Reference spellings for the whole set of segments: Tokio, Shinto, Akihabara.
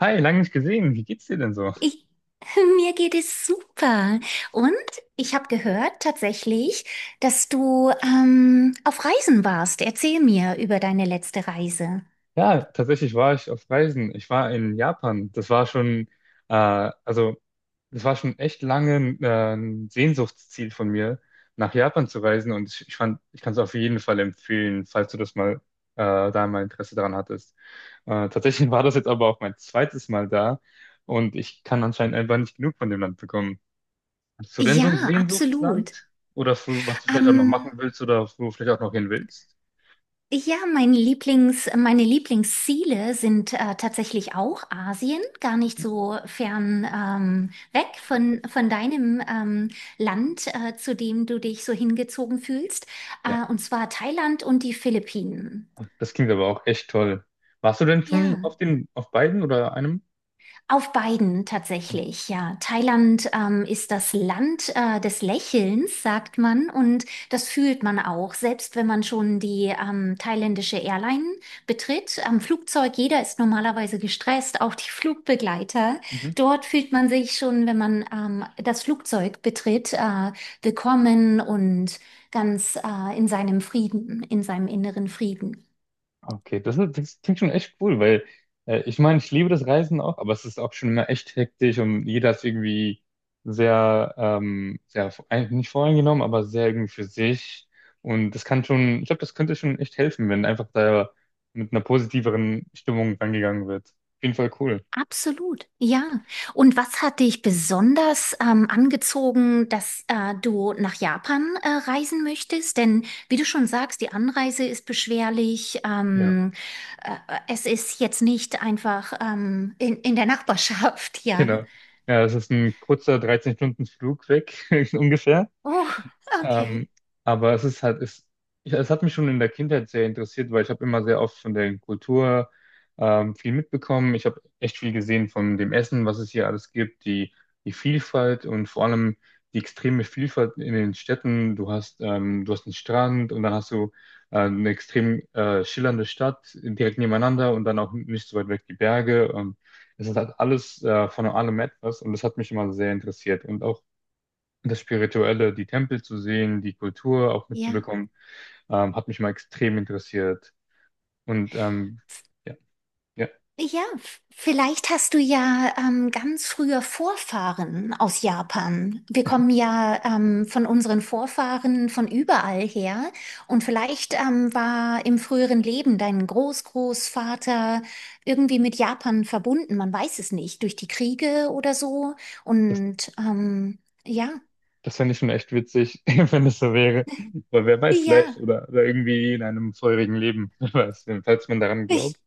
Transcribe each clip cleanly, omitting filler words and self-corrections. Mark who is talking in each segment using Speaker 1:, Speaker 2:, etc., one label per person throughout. Speaker 1: Hi, lange nicht gesehen. Wie geht's dir denn so?
Speaker 2: Ich, mir geht es super. Und ich habe gehört tatsächlich, dass du auf Reisen warst. Erzähl mir über deine letzte Reise.
Speaker 1: Ja, tatsächlich war ich auf Reisen. Ich war in Japan. Das war schon, äh, also, das war schon echt lange ein Sehnsuchtsziel von mir, nach Japan zu reisen. Und ich fand, ich kann es auf jeden Fall empfehlen, falls du da mal Interesse daran hattest. Tatsächlich war das jetzt aber auch mein zweites Mal da und ich kann anscheinend einfach nicht genug von dem Land bekommen. Hast du denn so ein
Speaker 2: Ja, absolut.
Speaker 1: Sehnsuchtsland? Oder was du vielleicht auch noch machen
Speaker 2: Ähm,
Speaker 1: willst oder wo du vielleicht auch noch hin willst?
Speaker 2: ja, meine Lieblingsziele sind tatsächlich auch Asien, gar nicht so fern weg von deinem Land, zu dem du dich so hingezogen fühlst, und zwar Thailand und die Philippinen.
Speaker 1: Das klingt aber auch echt toll. Warst du denn schon
Speaker 2: Ja.
Speaker 1: auf beiden oder einem?
Speaker 2: Auf beiden
Speaker 1: Ah,
Speaker 2: tatsächlich, ja. Thailand ist das Land des Lächelns, sagt man, und das fühlt man auch, selbst wenn man schon die thailändische Airline betritt. Am Flugzeug, jeder ist normalerweise gestresst, auch die Flugbegleiter.
Speaker 1: mhm.
Speaker 2: Dort fühlt man sich schon, wenn man das Flugzeug betritt, willkommen und ganz in seinem Frieden, in seinem inneren Frieden.
Speaker 1: Okay, das klingt schon echt cool, weil ich meine, ich liebe das Reisen auch, aber es ist auch schon immer echt hektisch und jeder ist irgendwie sehr, sehr eigentlich nicht voreingenommen, aber sehr irgendwie für sich. Und das kann schon, ich glaube, das könnte schon echt helfen, wenn einfach da mit einer positiveren Stimmung rangegangen wird. Auf jeden Fall cool.
Speaker 2: Absolut, ja. Und was hat dich besonders angezogen, dass du nach Japan reisen möchtest? Denn wie du schon sagst, die Anreise ist beschwerlich.
Speaker 1: Ja.
Speaker 2: Äh, Es ist jetzt nicht einfach in der Nachbarschaft, ja.
Speaker 1: Genau. Ja, es ist ein kurzer 13 Stunden Flug weg, ungefähr.
Speaker 2: Oh, okay,
Speaker 1: Ähm, aber es ist halt, ja, es hat mich schon in der Kindheit sehr interessiert, weil ich habe immer sehr oft von der Kultur viel mitbekommen. Ich habe echt viel gesehen von dem Essen, was es hier alles gibt, die Vielfalt und vor allem die extreme Vielfalt in den Städten. Du hast einen Strand und dann hast du eine extrem schillernde Stadt direkt nebeneinander und dann auch nicht so weit weg die Berge. Es hat alles von allem etwas und das hat mich immer sehr interessiert und auch das Spirituelle, die Tempel zu sehen, die Kultur auch
Speaker 2: ja.
Speaker 1: mitzubekommen, hat mich mal extrem interessiert. Und ähm, ja, ja,
Speaker 2: Ja, vielleicht hast du ja ganz frühe Vorfahren aus Japan. Wir kommen ja von unseren Vorfahren von überall her. Und vielleicht war im früheren Leben dein Großgroßvater irgendwie mit Japan verbunden. Man weiß es nicht, durch die Kriege oder so.
Speaker 1: das,
Speaker 2: Und ähm, ja,
Speaker 1: Das fände ich schon echt witzig, wenn es so wäre. Weil wer weiß, vielleicht
Speaker 2: ja,
Speaker 1: oder, oder irgendwie in einem vorherigen Leben, wer weiß, falls man daran glaubt,
Speaker 2: ich,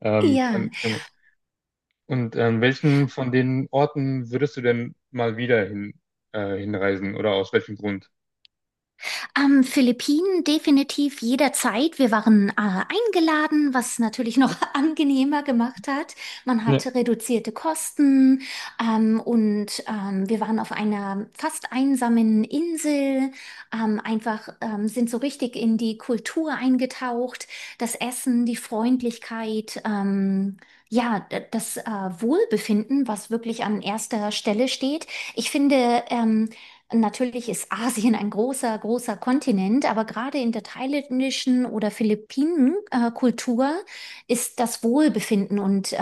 Speaker 2: ja.
Speaker 1: kann man. Und welchen von den Orten würdest du denn mal wieder hinreisen oder aus welchem Grund?
Speaker 2: Philippinen definitiv jederzeit. Wir waren eingeladen, was natürlich noch angenehmer gemacht hat. Man
Speaker 1: Ja.
Speaker 2: hatte reduzierte Kosten wir waren auf einer fast einsamen Insel. Einfach sind so richtig in die Kultur eingetaucht. Das Essen, die Freundlichkeit, ja, das Wohlbefinden, was wirklich an erster Stelle steht. Ich finde, natürlich ist Asien ein großer, großer Kontinent, aber gerade in der thailändischen oder Philippinen-Kultur ist das Wohlbefinden und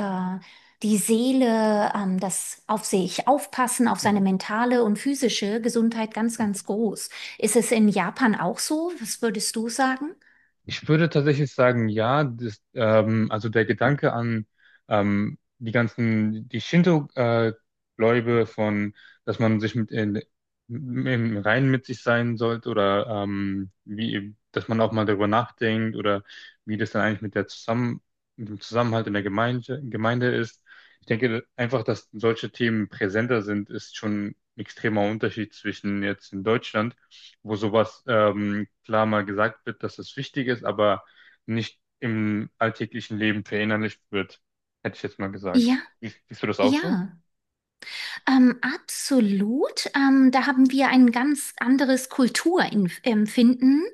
Speaker 2: die Seele, das auf sich aufpassen, auf seine mentale und physische Gesundheit ganz, ganz groß. Ist es in Japan auch so? Was würdest du sagen?
Speaker 1: Ich würde tatsächlich sagen, ja, also der Gedanke an die Shinto-Gläube von, dass man sich mit in, im Reinen mit sich sein sollte oder dass man auch mal darüber nachdenkt oder wie das dann eigentlich mit dem Zusammenhalt in der Gemeinde ist. Ich denke einfach, dass solche Themen präsenter sind, ist schon ein extremer Unterschied zwischen jetzt in Deutschland, wo sowas klar mal gesagt wird, dass es wichtig ist, aber nicht im alltäglichen Leben verinnerlicht wird, hätte ich jetzt mal
Speaker 2: Ja,
Speaker 1: gesagt. Siehst du das auch
Speaker 2: ja.
Speaker 1: so?
Speaker 2: Absolut. Da haben wir ein ganz anderes Kulturempfinden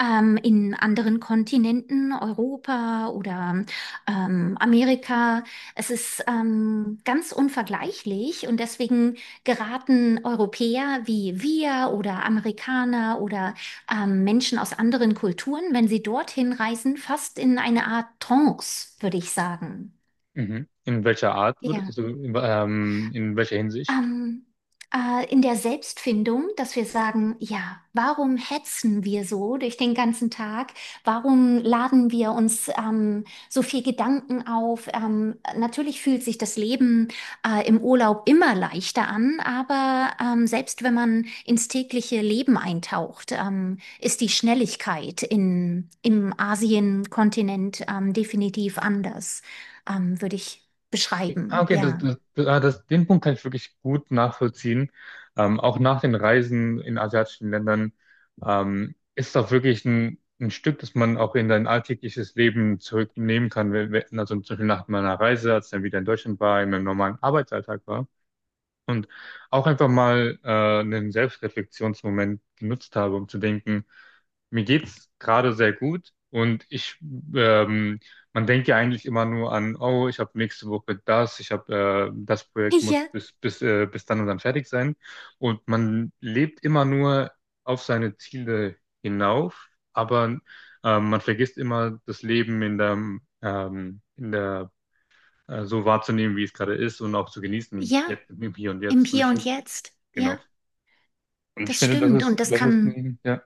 Speaker 2: in anderen Kontinenten, Europa oder Amerika. Es ist ganz unvergleichlich und deswegen geraten Europäer wie wir oder Amerikaner oder Menschen aus anderen Kulturen, wenn sie dorthin reisen, fast in eine Art Trance, würde ich sagen.
Speaker 1: Mhm. In welcher
Speaker 2: Ja.
Speaker 1: Hinsicht?
Speaker 2: Ähm, in der Selbstfindung, dass wir sagen, ja, warum hetzen wir so durch den ganzen Tag? Warum laden wir uns so viel Gedanken auf? Natürlich fühlt sich das Leben im Urlaub immer leichter an, aber selbst wenn man ins tägliche Leben eintaucht, ist die Schnelligkeit im Asienkontinent definitiv anders, würde ich
Speaker 1: Ah,
Speaker 2: beschreiben.
Speaker 1: okay,
Speaker 2: Ja.
Speaker 1: den Punkt kann ich wirklich gut nachvollziehen. Auch nach den Reisen in asiatischen Ländern ist das wirklich ein Stück, das man auch in dein alltägliches Leben zurücknehmen kann. Also zum Beispiel nach meiner Reise, als ich dann wieder in Deutschland war, in meinem normalen Arbeitsalltag war und auch einfach mal einen Selbstreflexionsmoment genutzt habe, um zu denken, mir geht's gerade sehr gut ähm, Man denkt ja eigentlich immer nur an, oh, ich habe nächste Woche das, ich habe das Projekt muss
Speaker 2: Ja,
Speaker 1: bis bis dann und dann fertig sein und man lebt immer nur auf seine Ziele hinauf, aber man vergisst immer das Leben in der so wahrzunehmen, wie es gerade ist und auch zu genießen,
Speaker 2: ja.
Speaker 1: jetzt im Hier und
Speaker 2: Im
Speaker 1: Jetzt. Und
Speaker 2: Hier
Speaker 1: ich
Speaker 2: und
Speaker 1: finde,
Speaker 2: Jetzt,
Speaker 1: genau.
Speaker 2: ja,
Speaker 1: Und ich
Speaker 2: das
Speaker 1: finde,
Speaker 2: stimmt. Und das
Speaker 1: das ist,
Speaker 2: kann,
Speaker 1: ein- ja,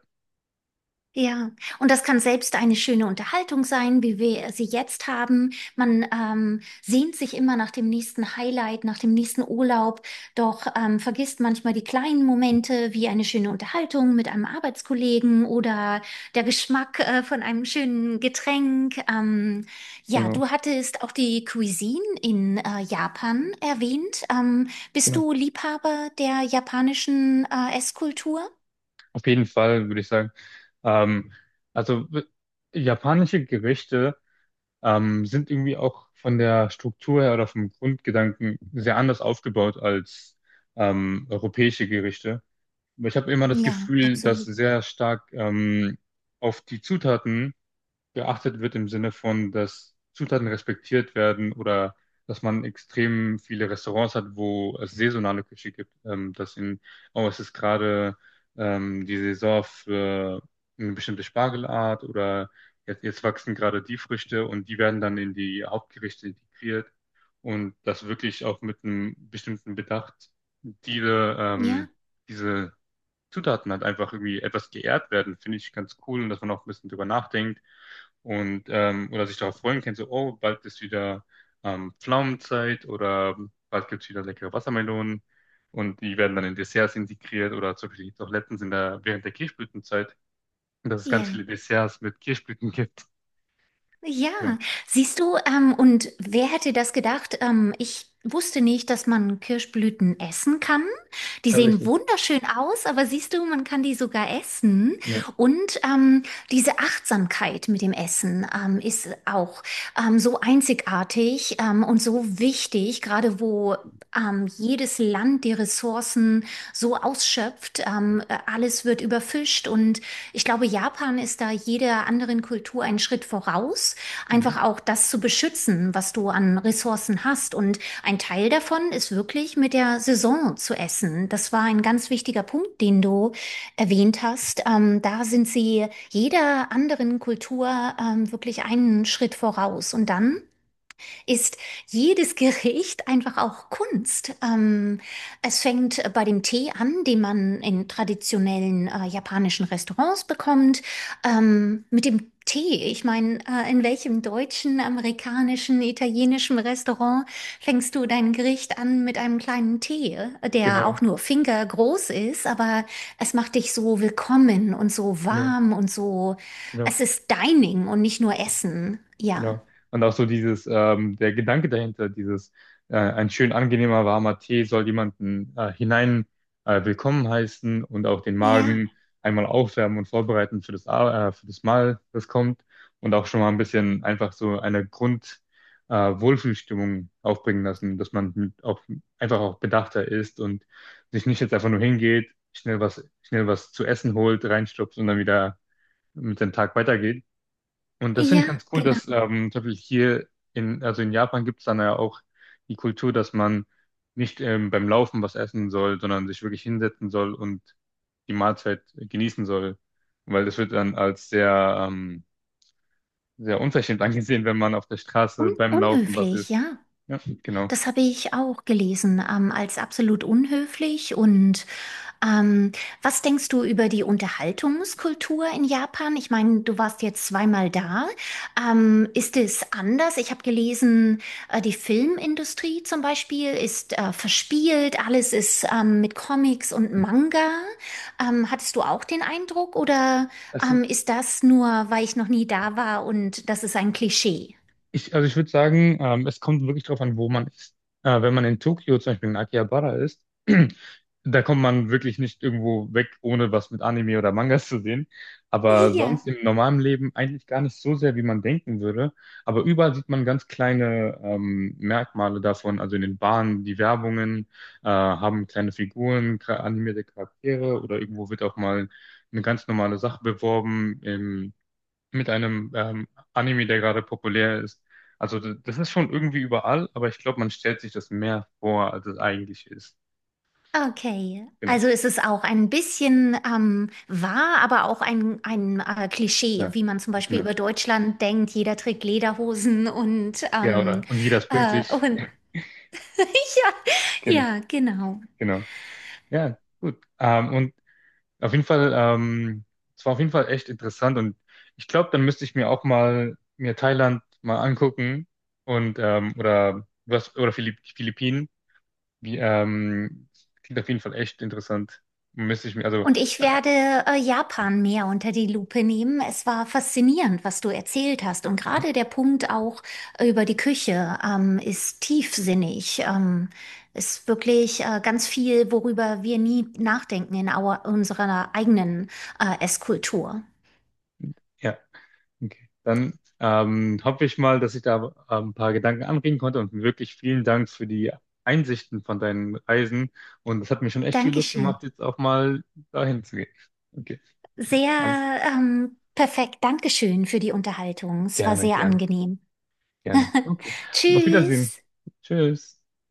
Speaker 2: ja, und das kann selbst eine schöne Unterhaltung sein, wie wir sie jetzt haben. Man sehnt sich immer nach dem nächsten Highlight, nach dem nächsten Urlaub, doch vergisst manchmal die kleinen Momente, wie eine schöne Unterhaltung mit einem Arbeitskollegen oder der Geschmack von einem schönen Getränk. Ja,
Speaker 1: genau,
Speaker 2: du hattest auch die Cuisine in Japan erwähnt. Bist
Speaker 1: genau.
Speaker 2: du Liebhaber der japanischen Esskultur?
Speaker 1: Auf jeden Fall, würde ich sagen. Ähm, also, w- Japanische Gerichte sind irgendwie auch von der Struktur her oder vom Grundgedanken sehr anders aufgebaut als europäische Gerichte. Aber ich habe immer das
Speaker 2: Ja,
Speaker 1: Gefühl, dass
Speaker 2: absolut.
Speaker 1: sehr stark auf die Zutaten geachtet wird im Sinne von, dass Zutaten respektiert werden oder dass man extrem viele Restaurants hat, wo es saisonale Küche gibt, oh, es ist gerade die Saison für eine bestimmte Spargelart oder jetzt wachsen gerade die Früchte und die werden dann in die Hauptgerichte integriert und das wirklich auch mit einem bestimmten Bedacht, diese, ähm,
Speaker 2: Ja,
Speaker 1: diese Zutaten halt einfach irgendwie etwas geehrt werden, finde ich ganz cool und dass man auch ein bisschen drüber nachdenkt und oder sich darauf freuen kann, so, oh, bald ist wieder Pflaumenzeit oder bald gibt es wieder leckere Wassermelonen und die werden dann in Desserts integriert oder zum Beispiel jetzt auch letztens während der Kirschblütenzeit, dass es ganz
Speaker 2: ja.
Speaker 1: viele Desserts mit Kirschblüten gibt.
Speaker 2: Ja,
Speaker 1: Ja,
Speaker 2: siehst du, und wer hätte das gedacht? Ich wusste nicht, dass man Kirschblüten essen kann. Die sehen
Speaker 1: tatsächlich.
Speaker 2: wunderschön aus, aber siehst du, man kann die sogar essen.
Speaker 1: Ja,
Speaker 2: Und diese Achtsamkeit mit dem Essen ist auch so einzigartig und so wichtig, gerade wo jedes Land die Ressourcen so ausschöpft. Alles wird überfischt und ich glaube, Japan ist da jeder anderen Kultur einen Schritt voraus,
Speaker 1: mhm.
Speaker 2: einfach auch das zu beschützen, was du an Ressourcen hast. Und ein Teil davon ist wirklich mit der Saison zu essen. Das war ein ganz wichtiger Punkt, den du erwähnt hast. Da sind sie jeder anderen Kultur wirklich einen Schritt voraus. Und dann ist jedes Gericht einfach auch Kunst. Es fängt bei dem Tee an, den man in traditionellen japanischen Restaurants bekommt. Mit dem Tee, ich meine, in welchem deutschen, amerikanischen, italienischen Restaurant fängst du dein Gericht an mit einem kleinen Tee, der auch
Speaker 1: Genau,
Speaker 2: nur fingergroß ist, aber es macht dich so willkommen und so
Speaker 1: genau,
Speaker 2: warm und so, es
Speaker 1: genau.
Speaker 2: ist Dining und nicht nur Essen. Ja.
Speaker 1: Genau. Und auch so dieses, der Gedanke dahinter, dieses, ein schön angenehmer warmer Tee soll jemanden hinein willkommen heißen und auch den
Speaker 2: Ja.
Speaker 1: Magen einmal aufwärmen und vorbereiten für das, für das Mahl, das kommt. Und auch schon mal ein bisschen einfach so eine Wohlfühlstimmung aufbringen lassen, dass man einfach auch bedachter ist und sich nicht jetzt einfach nur hingeht, schnell was zu essen holt, reinstopft und dann wieder mit dem Tag weitergeht, und das finde ich
Speaker 2: Ja,
Speaker 1: ganz cool,
Speaker 2: genau.
Speaker 1: dass zum Beispiel also in Japan gibt es dann ja auch die Kultur, dass man nicht beim Laufen was essen soll, sondern sich wirklich hinsetzen soll und die Mahlzeit genießen soll. Weil das wird dann als sehr unverschämt angesehen, wenn man auf der
Speaker 2: Un
Speaker 1: Straße beim Laufen was
Speaker 2: unhöflich,
Speaker 1: isst.
Speaker 2: ja.
Speaker 1: Ja, genau.
Speaker 2: Das habe ich auch gelesen, als absolut unhöflich. Und ähm, was denkst du über die Unterhaltungskultur in Japan? Ich meine, du warst jetzt zweimal da. Ist es anders? Ich habe gelesen, die Filmindustrie zum Beispiel ist verspielt, alles ist mit Comics und Manga. Hattest du auch den Eindruck oder
Speaker 1: Es,
Speaker 2: ist das nur, weil ich noch nie da war und das ist ein Klischee?
Speaker 1: Ich, also ich würde sagen, es kommt wirklich drauf an, wo man ist. Wenn man in Tokio zum Beispiel in Akihabara ist, da kommt man wirklich nicht irgendwo weg, ohne was mit Anime oder Mangas zu sehen. Aber sonst
Speaker 2: Ja,
Speaker 1: im normalen Leben eigentlich gar nicht so sehr, wie man denken würde. Aber überall sieht man ganz kleine Merkmale davon. Also in den Bahnen, die Werbungen haben kleine Figuren, animierte Charaktere, oder irgendwo wird auch mal eine ganz normale Sache beworben mit einem Anime, der gerade populär ist. Also das ist schon irgendwie überall, aber ich glaube, man stellt sich das mehr vor, als es eigentlich ist.
Speaker 2: okay.
Speaker 1: Genau.
Speaker 2: Also es ist auch ein bisschen wahr, aber auch ein Klischee,
Speaker 1: Ja.
Speaker 2: wie man zum Beispiel
Speaker 1: Genau.
Speaker 2: über Deutschland denkt, jeder trägt Lederhosen und,
Speaker 1: Ja,
Speaker 2: ähm,
Speaker 1: oder? Und jeder ist
Speaker 2: äh,
Speaker 1: pünktlich.
Speaker 2: und ja,
Speaker 1: Genau,
Speaker 2: ja, genau.
Speaker 1: genau. Ja, gut. Auf jeden Fall, es war auf jeden Fall echt interessant und ich glaube, dann müsste ich mir auch mal mir Thailand mal angucken und oder Philippinen. Wie, klingt auf jeden Fall echt interessant. Müsste ich mir, also
Speaker 2: Und ich
Speaker 1: äh,
Speaker 2: werde Japan mehr unter die Lupe nehmen. Es war faszinierend, was du erzählt hast. Und gerade der Punkt auch über die Küche ist tiefsinnig. Ist wirklich ganz viel, worüber wir nie nachdenken in unserer eigenen Esskultur.
Speaker 1: ja. Okay. Dann hoffe ich mal, dass ich da ein paar Gedanken anregen konnte und wirklich vielen Dank für die Einsichten von deinen Reisen. Und das hat mir schon echt viel Lust
Speaker 2: Dankeschön.
Speaker 1: gemacht, jetzt auch mal dahin zu gehen. Okay, alles
Speaker 2: Sehr perfekt. Dankeschön für die Unterhaltung. Es war
Speaker 1: gerne,
Speaker 2: sehr
Speaker 1: gerne,
Speaker 2: angenehm.
Speaker 1: gerne. Okay, auf Wiedersehen.
Speaker 2: Tschüss.
Speaker 1: Tschüss.